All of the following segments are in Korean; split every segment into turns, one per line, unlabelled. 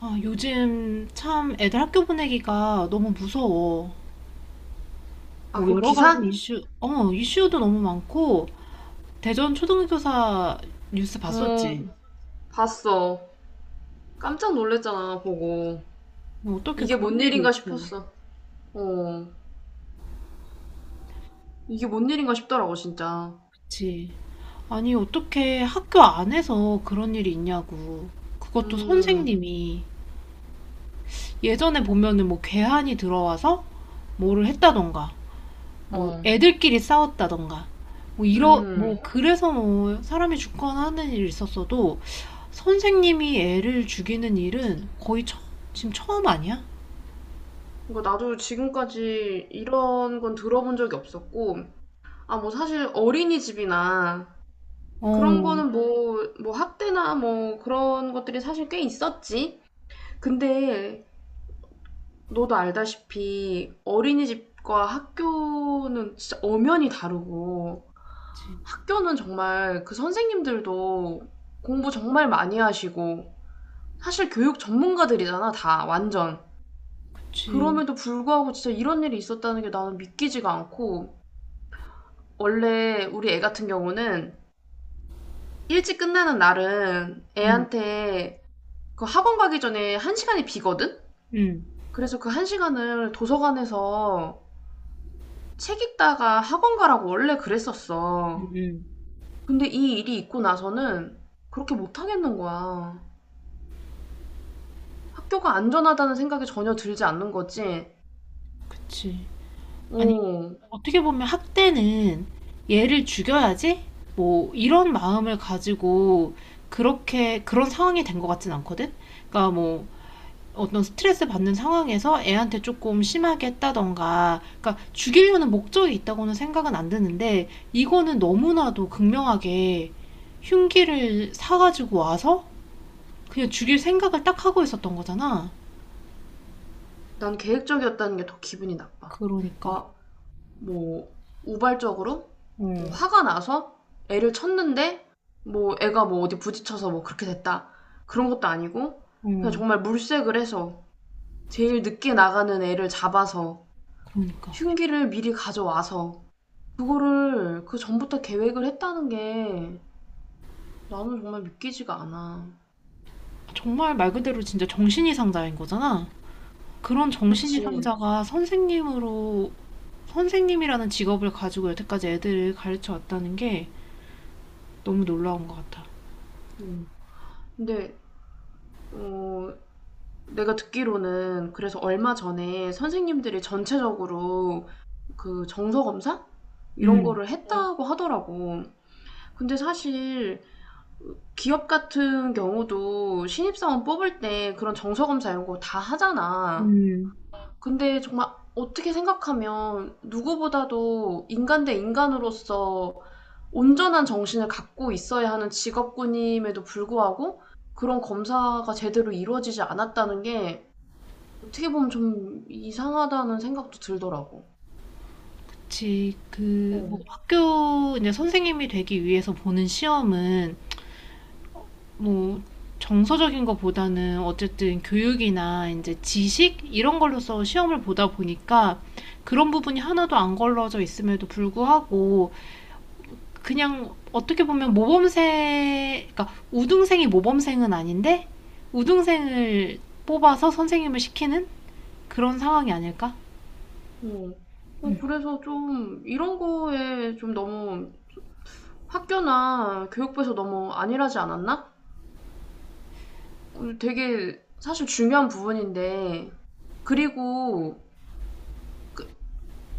아, 요즘 참 애들 학교 보내기가 너무 무서워.
아,
뭐
그
여러 가지
기사?
이슈도 너무 많고, 대전 초등교사 뉴스
어,
봤었지.
봤어. 깜짝 놀랐잖아, 보고.
뭐 어떻게
이게
그런
뭔
일이
일인가
있어.
싶었어. 어, 이게 뭔 일인가 싶더라고, 진짜.
그치. 아니, 어떻게 학교 안에서 그런 일이 있냐고. 그것도
음,
선생님이 예전에 보면은 뭐 괴한이 들어와서 뭐를 했다던가, 뭐
어,
애들끼리 싸웠다던가, 뭐 이러,
음.
뭐 그래서 뭐 사람이 죽거나 하는 일이 있었어도 선생님이 애를 죽이는 일은 지금 처음 아니야?
그러니까 나도 지금까지 이런 건 들어본 적이 없었고, 아, 뭐 사실 어린이집이나 그런
어.
거는 뭐, 뭐 학대나 뭐 그런 것들이 사실 꽤 있었지. 근데 너도 알다시피 어린이집과 학교는 진짜 엄연히 다르고,
그치.
학교는 정말 그 선생님들도 공부 정말 많이 하시고 사실 교육 전문가들이잖아, 다 완전.
그치.
그럼에도 불구하고 진짜 이런 일이 있었다는 게 나는 믿기지가 않고, 원래 우리 애 같은 경우는 일찍 끝나는 날은
응.
애한테 그 학원 가기 전에 한 시간이 비거든?
응.
그래서 그 한 시간을 도서관에서 책 읽다가 학원 가라고 원래
응.
그랬었어.
응.
근데 이 일이 있고 나서는 그렇게 못 하겠는 거야. 학교가 안전하다는 생각이 전혀 들지 않는 거지.
그치. 아니,
어,
어떻게 보면 학대는 얘를 죽여야지? 뭐, 이런 마음을 가지고 그런 상황이 된 것 같진 않거든? 그러니까 뭐, 어떤 스트레스 받는 상황에서 애한테 조금 심하게 했다던가, 그러니까 죽이려는 목적이 있다고는 생각은 안 드는데, 이거는 너무나도 극명하게 흉기를 사가지고 와서 그냥 죽일 생각을 딱 하고 있었던 거잖아.
난 계획적이었다는 게 더 기분이 나빠.
그러니까.
아, 뭐, 우발적으로? 뭐
응.
화가 나서 애를 쳤는데, 뭐, 애가 뭐 어디 부딪혀서 뭐 그렇게 됐다. 그런 것도 아니고, 그냥
응.
정말 물색을 해서, 제일 늦게 나가는 애를 잡아서,
그러니까.
흉기를 미리 가져와서, 그거를 그 전부터 계획을 했다는 게 나는 정말 믿기지가 않아.
정말 말 그대로 진짜 정신이상자인 거잖아. 그런
그치?
정신이상자가 선생님이라는 직업을 가지고 여태까지 애들을 가르쳐 왔다는 게 너무 놀라운 것 같아.
응. 근데, 어, 내가 듣기로는 그래서 얼마 전에 선생님들이 전체적으로 그 정서 검사 이런
음.
거를 했다고 하더라고. 근데 사실 기업 같은 경우도 신입사원 뽑을 때 그런 정서 검사 이런 거 다 하잖아.
음.
근데 정말 어떻게 생각하면 누구보다도 인간 대 인간으로서 온전한 정신을 갖고 있어야 하는 직업군임에도 불구하고 그런 검사가 제대로 이루어지지 않았다는 게 어떻게 보면 좀 이상하다는 생각도 들더라고.
그치. 그, 뭐,
어.
이제 선생님이 되기 위해서 보는 시험은 뭐 정서적인 것보다는 어쨌든 교육이나 이제 지식 이런 걸로서 시험을 보다 보니까 그런 부분이 하나도 안 걸러져 있음에도 불구하고 그냥 어떻게 보면 모범생, 그러니까 우등생이 모범생은 아닌데 우등생을 뽑아서 선생님을 시키는 그런 상황이 아닐까?
어. 그래서 좀 이런 거에 좀 너무 학교나 교육부에서 너무 안일하지 않았나? 되게 사실 중요한 부분인데, 그리고 그-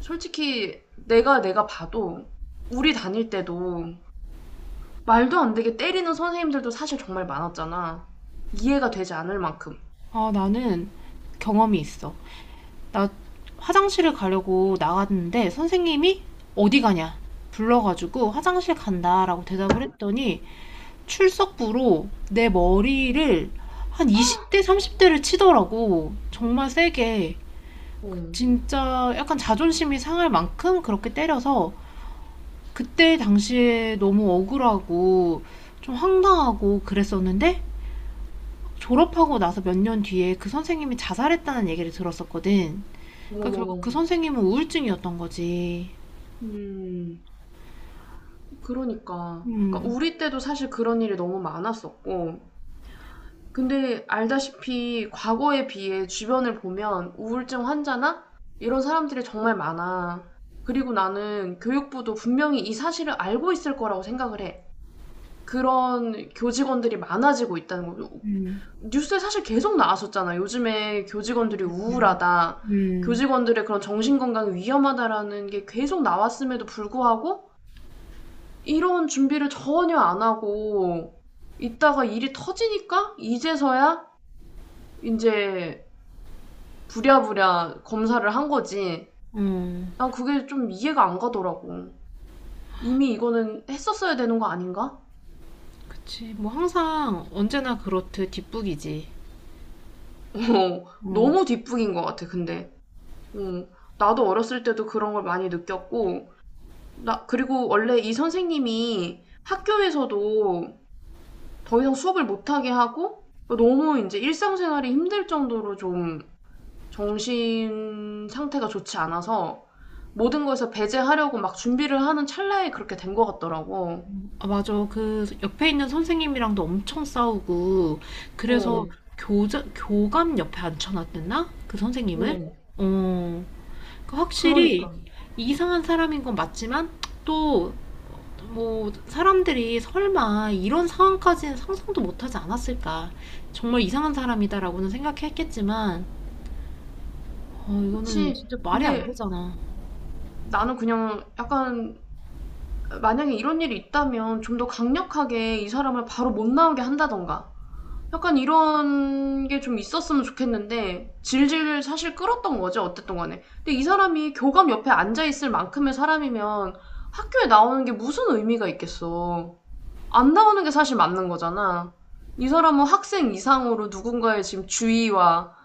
솔직히 내가 봐도 우리 다닐 때도 말도 안 되게 때리는 선생님들도 사실 정말 많았잖아. 이해가 되지 않을 만큼.
아, 나는 경험이 있어. 나 화장실을 가려고 나갔는데 선생님이 어디 가냐? 불러가지고 화장실 간다라고 대답을 했더니 출석부로 내 머리를 한 20대, 30대를 치더라고. 정말 세게.
어.
진짜 약간 자존심이 상할 만큼 그렇게 때려서 그때 당시에 너무 억울하고 좀 황당하고 그랬었는데 졸업하고 나서 몇 년 뒤에 그 선생님이 자살했다는 얘기를 들었었거든. 그러니까 결국 그
어머머머.
선생님은 우울증이었던 거지.
음. 그러니까. 그러니까
음.
우리 때도 사실 그런 일이 너무 많았었고, 근데 알다시피 과거에 비해 주변을 보면 우울증 환자나 이런 사람들이 정말 많아. 그리고 나는 교육부도 분명히 이 사실을 알고 있을 거라고 생각을 해. 그런 교직원들이 많아지고 있다는 거죠.
음.
뉴스에 사실 계속 나왔었잖아. 요즘에 교직원들이
음.
우울하다.
음.
교직원들의 그런 정신건강이 위험하다라는 게 계속 나왔음에도 불구하고 이런 준비를 전혀 안 하고 있다가 일이 터지니까 이제서야 이제 부랴부랴 검사를 한 거지.
음.
난 그게 좀 이해가 안 가더라고. 이미 이거는 했었어야 되는 거 아닌가?
그치. 뭐 항상 언제나 그렇듯 뒷북이지.
어.
어.
너무 뒷북인 것 같아 근데. 어. 나도 어렸을 때도 그런 걸 많이 느꼈고, 나 그리고 원래 이 선생님이 학교에서도 더 이상 수업을 못 하게 하고 너무 이제 일상생활이 힘들 정도로 좀 정신 상태가 좋지 않아서 모든 거에서 배제하려고 막 준비를 하는 찰나에 그렇게 된 것 같더라고.
아, 맞아. 그 옆에 있는 선생님이랑도 엄청 싸우고,
어,
그래서 교감 옆에 앉혀놨댔나? 그 선생님을?
어,
어, 그 확실히
그러니까.
이상한 사람인 건 맞지만, 또 뭐 사람들이 설마 이런 상황까지는 상상도 못하지 않았을까. 정말 이상한 사람이다라고는 생각했겠지만, 이거는
그치.
진짜 말이 안
근데
되잖아.
나는 그냥 약간 만약에 이런 일이 있다면 좀 더 강력하게 이 사람을 바로 못 나오게 한다던가. 약간 이런 게 좀 있었으면 좋겠는데 질질 사실 끌었던 거지 어쨌든 간에. 근데 이 사람이 교감 옆에 앉아 있을 만큼의 사람이면 학교에 나오는 게 무슨 의미가 있겠어. 안 나오는 게 사실 맞는 거잖아. 이 사람은 학생 이상으로 누군가의 지금 주의와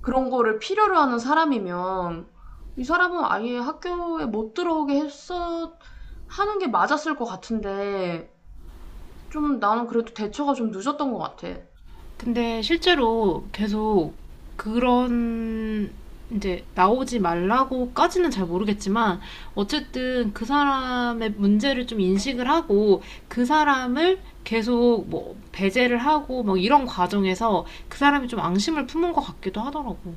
그런 거를 필요로 하는 사람이면 이 사람은 아예 학교에 못 들어오게 했어 하는 게 맞았을 것 같은데, 좀 나는 그래도 대처가 좀 늦었던 것 같아.
근데 실제로 계속 그런 이제 나오지 말라고까지는 잘 모르겠지만 어쨌든 그 사람의 문제를 좀 인식을 하고 그 사람을 계속 뭐 배제를 하고 뭐 이런 과정에서 그 사람이 좀 앙심을 품은 것 같기도 하더라고.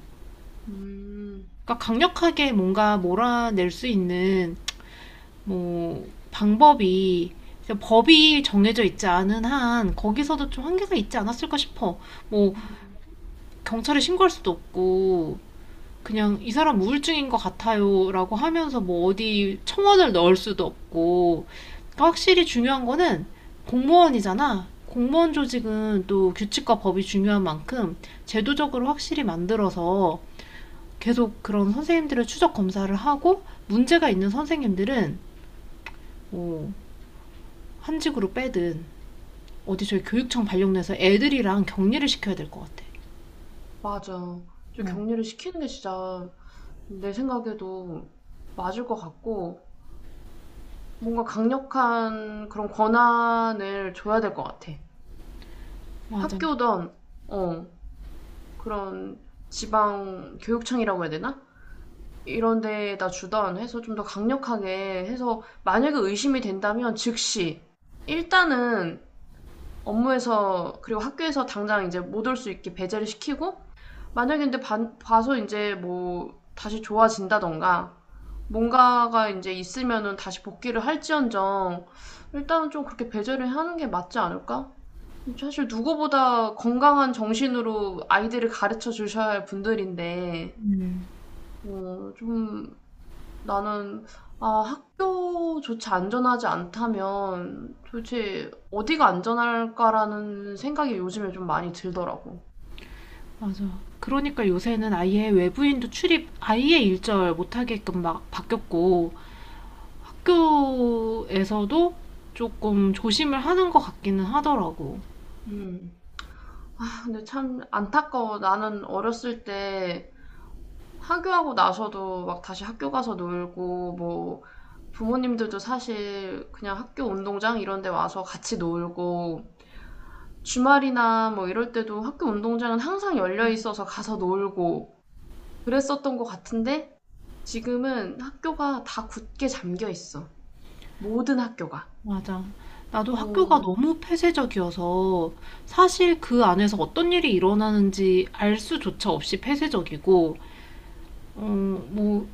음,
그러니까 강력하게 뭔가 몰아낼 수 있는 뭐 방법이 법이 정해져 있지 않은 한 거기서도 좀 한계가 있지 않았을까 싶어. 뭐 경찰에 신고할 수도 없고 그냥 이 사람 우울증인 것 같아요라고 하면서 뭐 어디 청원을 넣을 수도 없고 그러니까 확실히 중요한 거는 공무원이잖아. 공무원 조직은 또 규칙과 법이 중요한 만큼 제도적으로 확실히 만들어서 계속 그런 선생님들을 추적 검사를 하고 문제가 있는 선생님들은 뭐 한직으로 빼든 어디 저희 교육청 발령내서 애들이랑 격리를 시켜야 될 것 같아.
맞아. 좀 격리를 시키는 게 진짜 내 생각에도 맞을 것 같고, 뭔가 강력한 그런 권한을 줘야 될 것 같아.
맞아.
학교든 어, 그런 지방 교육청이라고 해야 되나? 이런 데에다 주던 해서 좀 더 강력하게 해서 만약에 의심이 된다면 즉시 일단은 업무에서 그리고 학교에서 당장 이제 못 올 수 있게 배제를 시키고 만약에 근데 봐서 이제 뭐 다시 좋아진다던가 뭔가가 이제 있으면은 다시 복귀를 할지언정 일단은 좀 그렇게 배제를 하는 게 맞지 않을까? 사실 누구보다 건강한 정신으로 아이들을 가르쳐 주셔야 할 분들인데, 좀 나는, 아, 학교조차 안전하지 않다면 도대체 어디가 안전할까라는 생각이 요즘에 좀 많이 들더라고.
맞아. 그러니까 요새는 아예 외부인도 출입 아예 일절 못하게끔 막 바뀌었고 학교에서도 조금 조심을 하는 것 같기는 하더라고.
음. 아, 근데 참 안타까워. 나는 어렸을 때 하교하고 나서도 막 다시 학교 가서 놀고, 뭐 부모님들도 사실 그냥 학교 운동장 이런 데 와서 같이 놀고, 주말이나 뭐 이럴 때도 학교 운동장은 항상 열려 있어서 가서 놀고 그랬었던 것 같은데 지금은 학교가 다 굳게 잠겨 있어. 모든 학교가.
맞아. 나도 학교가
어,
너무 폐쇄적이어서 사실 그 안에서 어떤 일이 일어나는지 알 수조차 없이 폐쇄적이고, 어, 뭐,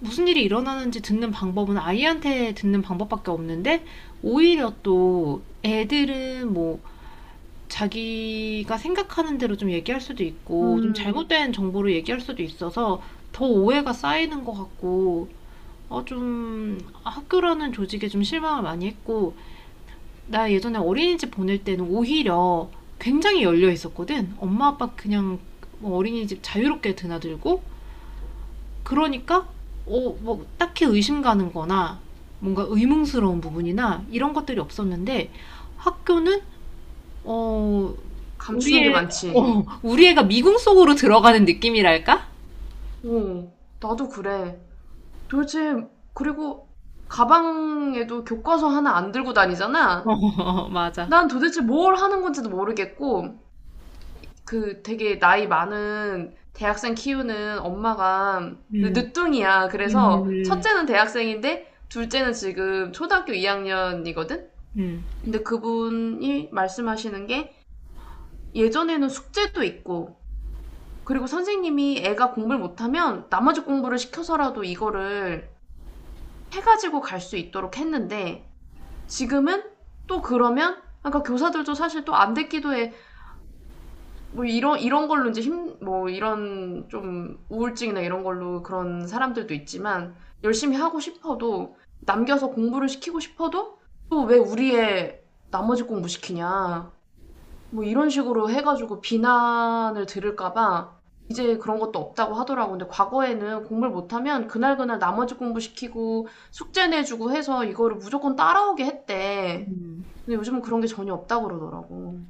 무슨 일이 일어나는지 듣는 방법은 아이한테 듣는 방법밖에 없는데, 오히려 또 애들은 뭐, 자기가 생각하는 대로 좀 얘기할 수도 있고, 좀
음,
잘못된 정보를 얘기할 수도 있어서 더 오해가 쌓이는 것 같고, 좀 학교라는 조직에 좀 실망을 많이 했고, 나 예전에 어린이집 보낼 때는 오히려 굉장히 열려 있었거든. 엄마 아빠 그냥 뭐 어린이집 자유롭게 드나들고 그러니까 뭐 딱히 의심 가는 거나 뭔가 의문스러운 부분이나 이런 것들이 없었는데 학교는 어 우리
감추는 게
애
많지.
우리 애가 미궁 속으로 들어가는 느낌이랄까?
어, 나도 그래. 도대체, 그리고 가방에도 교과서 하나 안 들고 다니잖아?
어, 맞아.
난 도대체 뭘 하는 건지도 모르겠고, 그 되게 나이 많은 대학생 키우는 엄마가
음.
늦둥이야.
음.
그래서
음.
첫째는 대학생인데 둘째는 지금 초등학교 2학년이거든?
음.
근데 그분이 말씀하시는 게 예전에는 숙제도 있고 그리고 선생님이 애가 공부를 못하면 나머지 공부를 시켜서라도 이거를 해가지고 갈 수 있도록 했는데, 지금은 또 그러면 그러니까 교사들도 사실 또 안 됐기도 해. 뭐 이런 걸로 이제 힘 뭐 이런 좀 우울증이나 이런 걸로 그런 사람들도 있지만, 열심히 하고 싶어도 남겨서 공부를 시키고 싶어도 또 "왜 우리의 나머지 공부 시키냐." 뭐 이런 식으로 해 가지고 비난을 들을까 봐 이제 그런 것도 없다고 하더라고. 근데 과거에는 공부를 못하면 그날그날 나머지 공부 시키고 숙제 내 주고 해서 이거를 무조건 따라오게 했대.
음.
근데 요즘은 그런 게 전혀 없다고 그러더라고.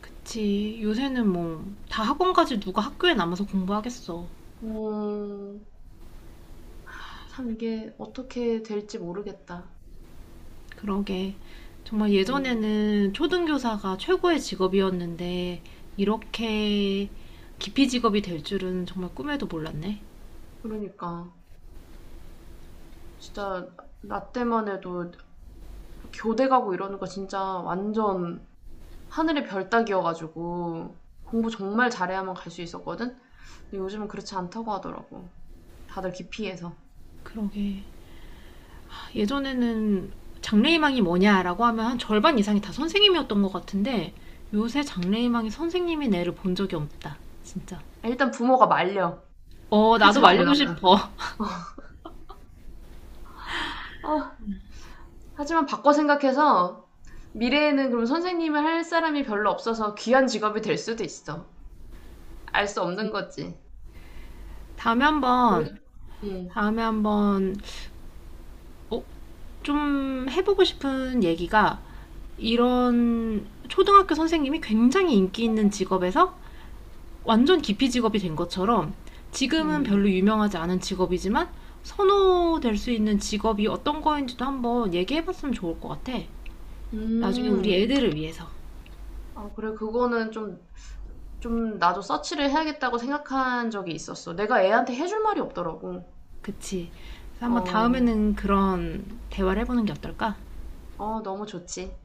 그치. 요새는 뭐 다 학원까지 누가 학교에 남아서 공부하겠어.
음. 참 이게 어떻게 될지 모르겠다.
그러게. 정말
음,
예전에는 초등교사가 최고의 직업이었는데, 이렇게 기피 직업이 될 줄은 정말 꿈에도 몰랐네.
그러니까 진짜 나 때만 해도 교대 가고 이러는 거 진짜 완전 하늘의 별 따기여가지고 공부 정말 잘해야만 갈 수 있었거든? 근데 요즘은 그렇지 않다고 하더라고. 다들 기피해서.
그러게. 예전에는 장래희망이 뭐냐라고 하면 한 절반 이상이 다 선생님이었던 것 같은데, 요새 장래희망이 선생님인 애를 본 적이 없다. 진짜.
일단 부모가 말려.
어,
하지
나도
말라.
말리고 싶어.
아, 하지만 바꿔 생각해서 미래에는 그럼 선생님을 할 사람이 별로 없어서 귀한 직업이 될 수도 있어. 알 수 없는 거지.
다음에 한번,
그래? 응,
다음에 한번, 어, 좀 해보고 싶은 얘기가 이런 초등학교 선생님이 굉장히 인기 있는 직업에서 완전 기피 직업이 된 것처럼 지금은
응.
별로 유명하지 않은 직업이지만 선호될 수 있는 직업이 어떤 거인지도 한번 얘기해봤으면 좋을 것 같아. 나중에 우리
음.
애들을 위해서.
아, 그래. 그거는 좀, 나도 서치를 해야겠다고 생각한 적이 있었어. 내가 애한테 해줄 말이 없더라고.
그치. 그래서 한번
어,
다음에는 그런 대화를 해보는 게 어떨까?
어, 너무 좋지.